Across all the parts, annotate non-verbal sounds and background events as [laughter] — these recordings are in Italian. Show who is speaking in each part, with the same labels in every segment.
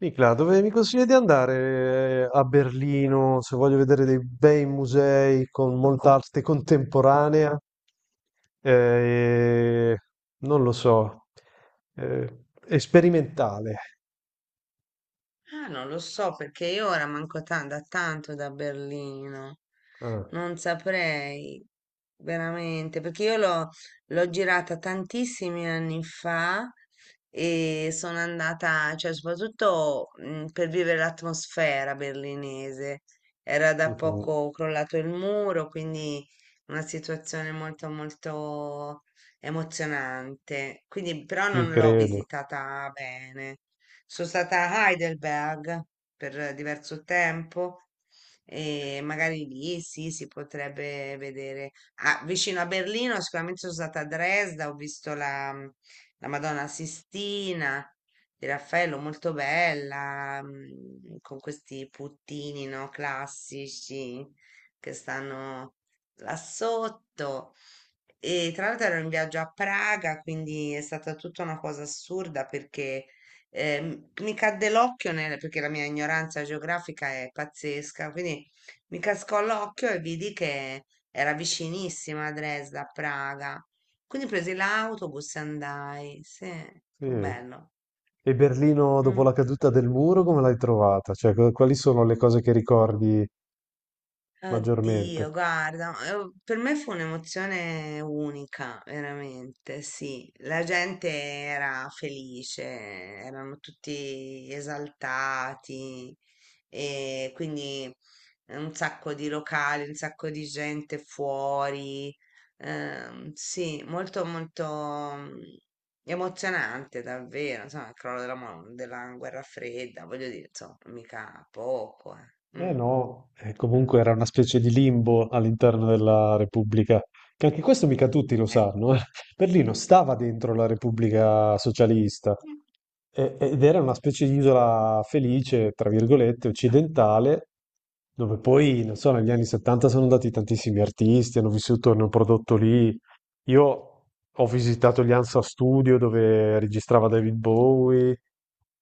Speaker 1: Nicla, dove mi consigli di andare a Berlino se voglio vedere dei bei musei con molta arte contemporanea? Eh, Non lo so, esperimentale.
Speaker 2: Ah, non lo so perché io ora da tanto da Berlino.
Speaker 1: Ah,
Speaker 2: Non saprei veramente, perché io l'ho girata tantissimi anni fa e sono andata, cioè soprattutto per vivere l'atmosfera berlinese. Era da
Speaker 1: mhm.
Speaker 2: poco crollato il muro, quindi una situazione molto molto emozionante. Quindi però
Speaker 1: Ci
Speaker 2: non l'ho
Speaker 1: credo.
Speaker 2: visitata bene. Sono stata a Heidelberg per diverso tempo e magari lì sì, si potrebbe vedere. Ah, vicino a Berlino sicuramente sono stata a Dresda, ho visto la Madonna Sistina di Raffaello, molto bella, con questi puttini, no, classici che stanno là sotto. E tra l'altro ero in viaggio a Praga, quindi è stata tutta una cosa assurda perché mi cadde l'occhio, perché la mia ignoranza geografica è pazzesca, quindi mi cascò l'occhio e vidi che era vicinissima a Dresda, a Praga. Quindi presi l'autobus e andai. Sì,
Speaker 1: Sì.
Speaker 2: fu bello.
Speaker 1: E Berlino dopo
Speaker 2: Mm.
Speaker 1: la caduta del muro, come l'hai trovata? Cioè, quali sono le cose che ricordi
Speaker 2: Addio,
Speaker 1: maggiormente?
Speaker 2: guarda, per me fu un'emozione unica, veramente, sì. La gente era felice, erano tutti esaltati e quindi un sacco di locali, un sacco di gente fuori. Sì, molto molto mm, emozionante davvero, insomma, il crollo della guerra fredda, voglio dire, insomma, mica poco, eh.
Speaker 1: Eh
Speaker 2: Mm,
Speaker 1: no, comunque era una specie di limbo all'interno della Repubblica, che anche questo mica tutti lo
Speaker 2: eh.
Speaker 1: sanno, eh. Berlino stava dentro la Repubblica Socialista ed era una specie di isola felice, tra virgolette, occidentale, dove poi, non so, negli anni 70 sono andati tantissimi artisti, hanno vissuto, hanno prodotto lì. Io ho visitato gli Hansa Studio dove registrava David Bowie,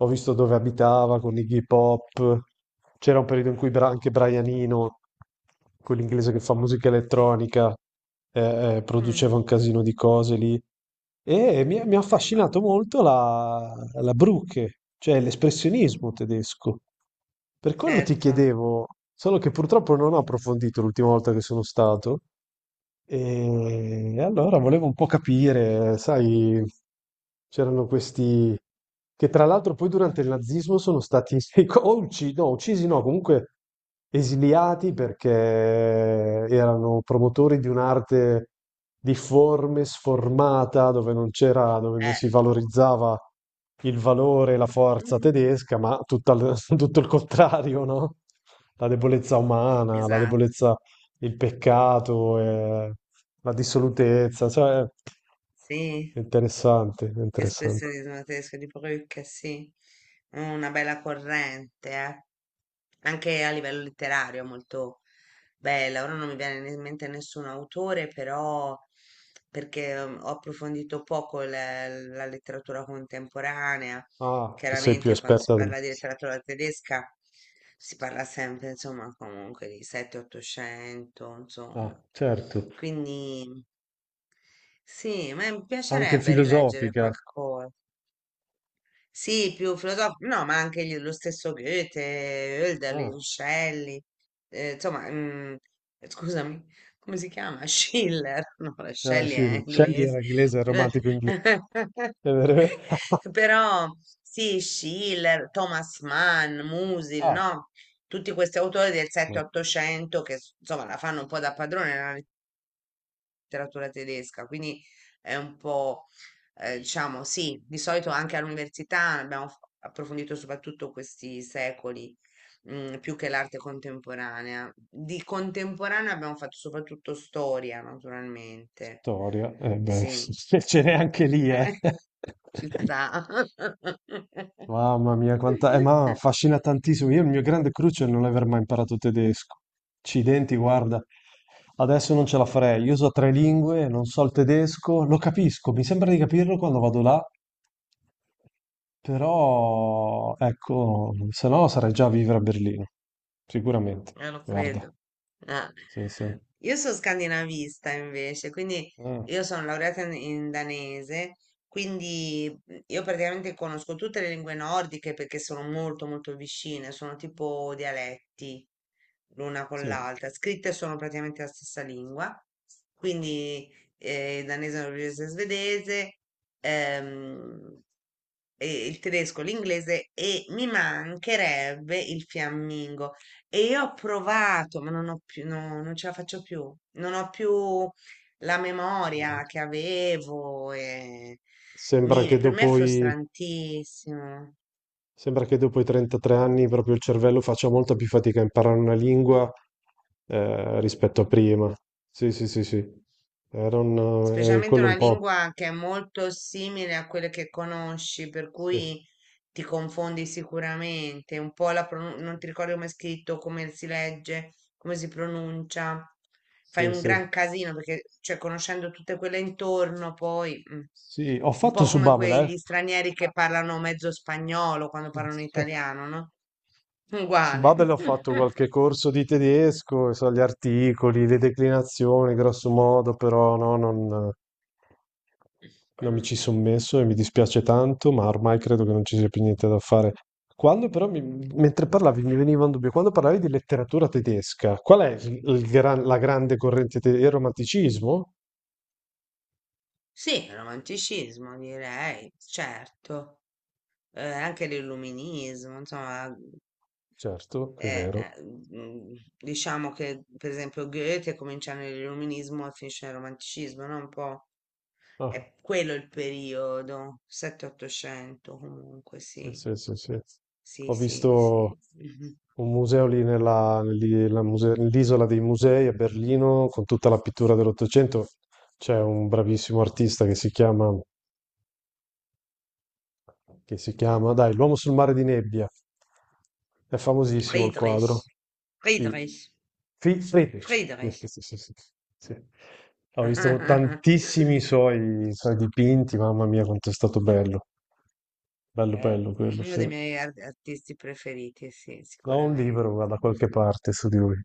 Speaker 1: ho visto dove abitava con Iggy Pop. C'era un periodo in cui anche Brian Eno, quell'inglese che fa musica elettronica,
Speaker 2: Mh,
Speaker 1: produceva un casino di cose lì. E mi ha
Speaker 2: va
Speaker 1: affascinato molto la Brücke, cioè l'espressionismo tedesco. Per quello ti
Speaker 2: certo,
Speaker 1: chiedevo, solo che purtroppo non ho approfondito l'ultima volta che sono stato, e allora volevo un po' capire, sai, c'erano questi che tra l'altro poi durante il nazismo sono stati [laughs] o uccisi no, comunque esiliati perché erano promotori di un'arte difforme, sformata, dove non c'era, dove non
Speaker 2: eh,
Speaker 1: si valorizzava il valore e la forza
Speaker 2: mh-mh,
Speaker 1: tedesca, ma [laughs] tutto il contrario, no? La debolezza umana, la
Speaker 2: esatto,
Speaker 1: debolezza, il peccato, e la dissolutezza, cioè
Speaker 2: sì,
Speaker 1: è interessante, è interessante.
Speaker 2: espressionismo tedesco di Brück, sì, una bella corrente, eh. Anche a livello letterario è molto bella. Ora non mi viene in mente nessun autore, però perché ho approfondito poco la letteratura contemporanea.
Speaker 1: Ah, che sei più
Speaker 2: Chiaramente quando si
Speaker 1: esperta di me.
Speaker 2: parla di letteratura tedesca si parla sempre, insomma, comunque di 7-800,
Speaker 1: Ah,
Speaker 2: insomma.
Speaker 1: certo,
Speaker 2: Quindi sì, ma mi
Speaker 1: anche
Speaker 2: piacerebbe rileggere
Speaker 1: filosofica.
Speaker 2: qualcosa. Sì, più filosofico, no, ma anche lo stesso Goethe,
Speaker 1: Ah,
Speaker 2: Hölderlin, Shelley, insomma, scusami, come si chiama? Schiller, [laughs] no, la Shelley è
Speaker 1: Shelley
Speaker 2: inglese.
Speaker 1: era inglese, era
Speaker 2: Eh,
Speaker 1: romantico inglese.
Speaker 2: [laughs]
Speaker 1: È vero- [laughs]
Speaker 2: però sì, Schiller, Thomas Mann, Musil,
Speaker 1: Ah,
Speaker 2: no? Tutti questi autori del
Speaker 1: ma
Speaker 2: 7-800 insomma la fanno un po' da padrone, nella letteratura tedesca, quindi è un po', diciamo, sì, di solito anche all'università abbiamo approfondito soprattutto questi secoli, più che l'arte contemporanea. Di contemporanea abbiamo fatto soprattutto storia, naturalmente.
Speaker 1: storia, eh beh,
Speaker 2: Sì,
Speaker 1: [laughs] ce n'è anche lì, eh.
Speaker 2: eh, [laughs] ci sta.
Speaker 1: [laughs] Mamma mia, quanta... ma
Speaker 2: [laughs]
Speaker 1: affascina tantissimo. Io il mio grande cruccio è non aver mai imparato tedesco. Accidenti, guarda. Adesso non ce la farei. Io so tre lingue, non so il tedesco, lo capisco, mi sembra di capirlo quando vado là, però ecco, se no sarei già a vivere a Berlino, sicuramente.
Speaker 2: Lo
Speaker 1: Guarda,
Speaker 2: credo. Eh.
Speaker 1: sì, sì.
Speaker 2: Io sono scandinavista invece, quindi
Speaker 1: Ah,
Speaker 2: io sono laureata in danese, quindi mhmm, io praticamente conosco tutte le lingue nordiche perché sono molto molto vicine, sono tipo dialetti l'una con
Speaker 1: sì.
Speaker 2: l'altra, scritte sono praticamente la stessa lingua, quindi danese, norvegese, svedese, ehm, e il tedesco, l'inglese e mi mancherebbe il fiammingo. E io ho provato, ma non ho più, no, non ce la faccio più. Non ho più la memoria che avevo. E
Speaker 1: Sembra che
Speaker 2: per me è
Speaker 1: dopo i
Speaker 2: frustrantissimo.
Speaker 1: Sembra che dopo i 33 anni proprio il cervello faccia molta più fatica a imparare una lingua, rispetto a prima. Sì, sì, sì, sì. Era un,
Speaker 2: Specialmente
Speaker 1: quello un
Speaker 2: una
Speaker 1: po'.
Speaker 2: lingua che è molto simile a quelle che conosci, per
Speaker 1: Sì,
Speaker 2: cui ti confondi sicuramente, un po' la non ti ricordi come è scritto, come si legge, come si pronuncia. Fai
Speaker 1: sì,
Speaker 2: un
Speaker 1: sì.
Speaker 2: gran casino perché, cioè, conoscendo tutte quelle intorno, poi
Speaker 1: Sì, ho
Speaker 2: un
Speaker 1: fatto
Speaker 2: po'
Speaker 1: su
Speaker 2: come
Speaker 1: Babel,
Speaker 2: quegli stranieri che parlano mezzo spagnolo quando parlano
Speaker 1: eh. [laughs]
Speaker 2: italiano, no?
Speaker 1: Su
Speaker 2: Uguale.
Speaker 1: Babel ho fatto qualche
Speaker 2: [laughs]
Speaker 1: corso di tedesco, e so gli articoli, le declinazioni, grosso modo, però non mi
Speaker 2: Mm.
Speaker 1: ci sono messo e mi dispiace tanto, ma ormai credo che non ci sia più niente da fare. Quando però, mentre parlavi, mi veniva un dubbio, quando parlavi di letteratura tedesca, qual è la grande corrente tedesca? Il romanticismo?
Speaker 2: Sì, romanticismo direi, certo. Eh, anche l'illuminismo, insomma,
Speaker 1: Certo, è
Speaker 2: eh,
Speaker 1: vero.
Speaker 2: eh, diciamo che per esempio Goethe comincia nell'illuminismo e finisce nel romanticismo, no? Un po'
Speaker 1: Ah.
Speaker 2: è quello il periodo, 7-800 comunque,
Speaker 1: Sì,
Speaker 2: sì,
Speaker 1: sì, sì, sì.
Speaker 2: sì,
Speaker 1: Ho
Speaker 2: sì,
Speaker 1: visto
Speaker 2: sì. Mhm.
Speaker 1: un museo lì nella, lì- la muse- nell'isola dei musei a Berlino con tutta la pittura dell'Ottocento. C'è un bravissimo artista che si chiama,
Speaker 2: Mm.
Speaker 1: dai, L'uomo sul mare di nebbia. È famosissimo il quadro.
Speaker 2: Friedrich,
Speaker 1: Sì.
Speaker 2: Friedrich,
Speaker 1: Friedrich. Sì,
Speaker 2: Friedrich.
Speaker 1: sì, sì, sì, sì. Sì. Ho visto
Speaker 2: [laughs]
Speaker 1: tantissimi suoi dipinti, mamma mia, quanto è stato bello. Bello, bello
Speaker 2: È
Speaker 1: quello,
Speaker 2: uno dei
Speaker 1: sì.
Speaker 2: miei artisti preferiti, sì,
Speaker 1: No, un
Speaker 2: sicuramente.
Speaker 1: libro ma da qualche parte su di lui,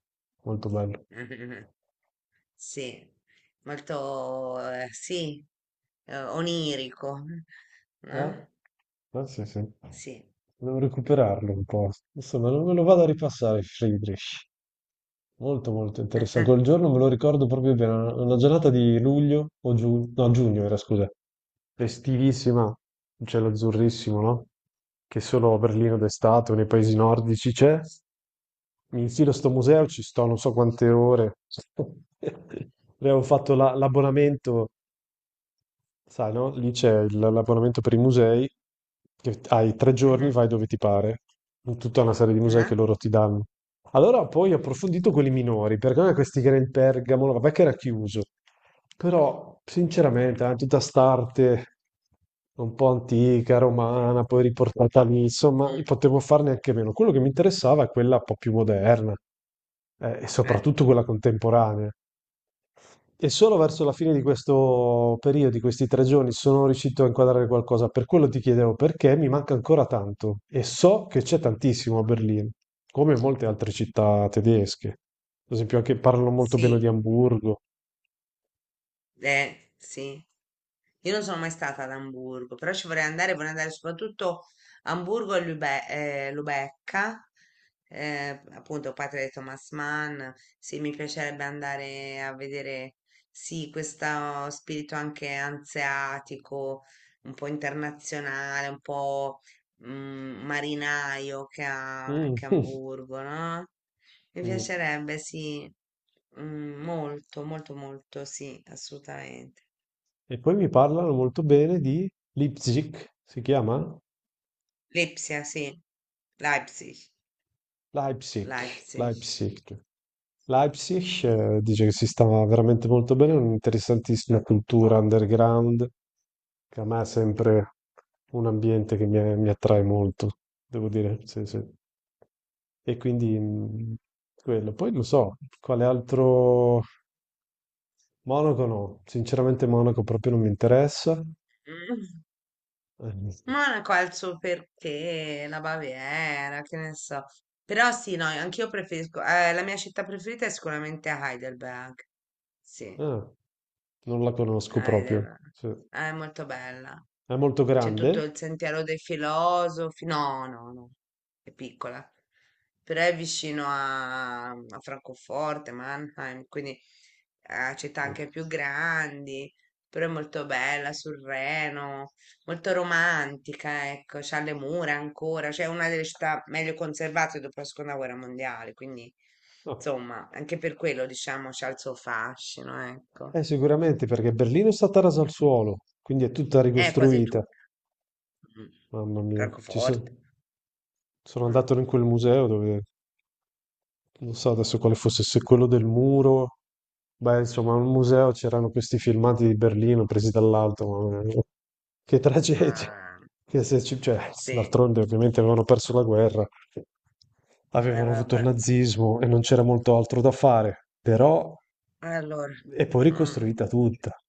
Speaker 1: molto bello.
Speaker 2: [laughs] Sì, molto, sì, onirico,
Speaker 1: Eh?
Speaker 2: no?
Speaker 1: Sì, sì.
Speaker 2: Sì.
Speaker 1: Devo recuperarlo un po'. Insomma, non me lo vado a ripassare, Friedrich. Molto, molto interessante. Quel
Speaker 2: [laughs]
Speaker 1: giorno me lo ricordo proprio bene. Una giornata di luglio o giugno, no, giugno era, scusa. Festivissima, un cielo azzurrissimo, no? Che solo a Berlino d'estate o nei paesi nordici c'è. Mi infilo a sto museo,
Speaker 2: Mhm,
Speaker 1: ci sto non so quante ore. [laughs] Abbiamo fatto l'abbonamento. Sai, no? Lì c'è l'abbonamento per i musei, che hai tre giorni,
Speaker 2: mhm,
Speaker 1: vai dove ti pare, in tutta una serie di musei che
Speaker 2: mhm,
Speaker 1: loro ti danno. Allora poi ho approfondito quelli minori, perché a me questi, che era il Pergamo, vabbè che era chiuso, però sinceramente tutta st'arte un po' antica, romana, poi riportata lì, insomma, io
Speaker 2: mm,
Speaker 1: potevo farne anche meno. Quello che mi interessava è quella un po' più moderna, e
Speaker 2: eh,
Speaker 1: soprattutto quella contemporanea. E solo verso la fine di questo periodo, di questi tre giorni, sono riuscito a inquadrare qualcosa. Per quello ti chiedevo, perché mi manca ancora tanto e so che c'è tantissimo a Berlino, come molte altre città tedesche. Ad esempio, anche parlano molto bene di
Speaker 2: sì,
Speaker 1: Amburgo.
Speaker 2: sì. Io non sono mai stata ad Amburgo, però ci vorrei andare soprattutto a Amburgo e Lubecca, appunto patria di Thomas Mann. Sì, mi piacerebbe andare a vedere, sì, questo spirito anche anseatico, un po' internazionale, un po' marinaio che ha
Speaker 1: Mm,
Speaker 2: anche
Speaker 1: [laughs]
Speaker 2: Amburgo, no? Mi
Speaker 1: mm.
Speaker 2: piacerebbe, sì, mm, molto, molto, molto, sì, assolutamente.
Speaker 1: E poi mi parlano molto bene di Leipzig, si chiama?
Speaker 2: Lipsia, sì. Leipzig,
Speaker 1: Leipzig,
Speaker 2: Leipzig.
Speaker 1: Leipzig. Leipzig, dice che si sta veramente molto bene, è un'interessantissima cultura underground che a me è sempre un ambiente che mi attrae molto, devo dire, sì, sì. E quindi quello. Poi non so, quale altro... Monaco no, sinceramente Monaco proprio non mi interessa.
Speaker 2: Mm.
Speaker 1: Eh,
Speaker 2: Monaco ha il suo perché, la Baviera, che ne so. Però sì, no, anch'io preferisco, la mia città preferita è sicuramente Heidelberg. Sì,
Speaker 1: ah, non la conosco proprio.
Speaker 2: Heidelberg.
Speaker 1: Sì.
Speaker 2: Ah, è molto bella.
Speaker 1: È molto
Speaker 2: C'è tutto
Speaker 1: grande?
Speaker 2: il sentiero dei filosofi. No, no, no, è piccola. Però è vicino a, a Francoforte, Mannheim, quindi a città anche più grandi. Però è molto bella sul Reno, molto romantica, ecco, c'ha le mura ancora, cioè è una delle città meglio conservate dopo la seconda guerra mondiale, quindi
Speaker 1: No.
Speaker 2: insomma, anche per quello diciamo c'ha il suo fascino, ecco.
Speaker 1: Sicuramente perché Berlino è stata rasa al suolo, quindi è tutta
Speaker 2: È quasi
Speaker 1: ricostruita.
Speaker 2: tutta. Mm.
Speaker 1: Mamma mia,
Speaker 2: Francoforte.
Speaker 1: sono
Speaker 2: Mm.
Speaker 1: andato in quel museo dove non so adesso quale fosse, se quello del muro, beh, insomma, al museo c'erano questi filmati di Berlino presi dall'alto, ma che tragedia. [laughs]
Speaker 2: Ah,
Speaker 1: Che se cioè,
Speaker 2: sì,
Speaker 1: d'altronde ovviamente avevano perso la guerra, avevano avuto il
Speaker 2: vabbè.
Speaker 1: nazismo e non c'era molto altro da fare, però
Speaker 2: Allora,
Speaker 1: è poi
Speaker 2: mm,
Speaker 1: ricostruita tutta,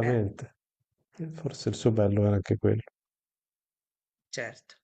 Speaker 2: eh,
Speaker 1: E forse il suo bello era anche quello.
Speaker 2: certo.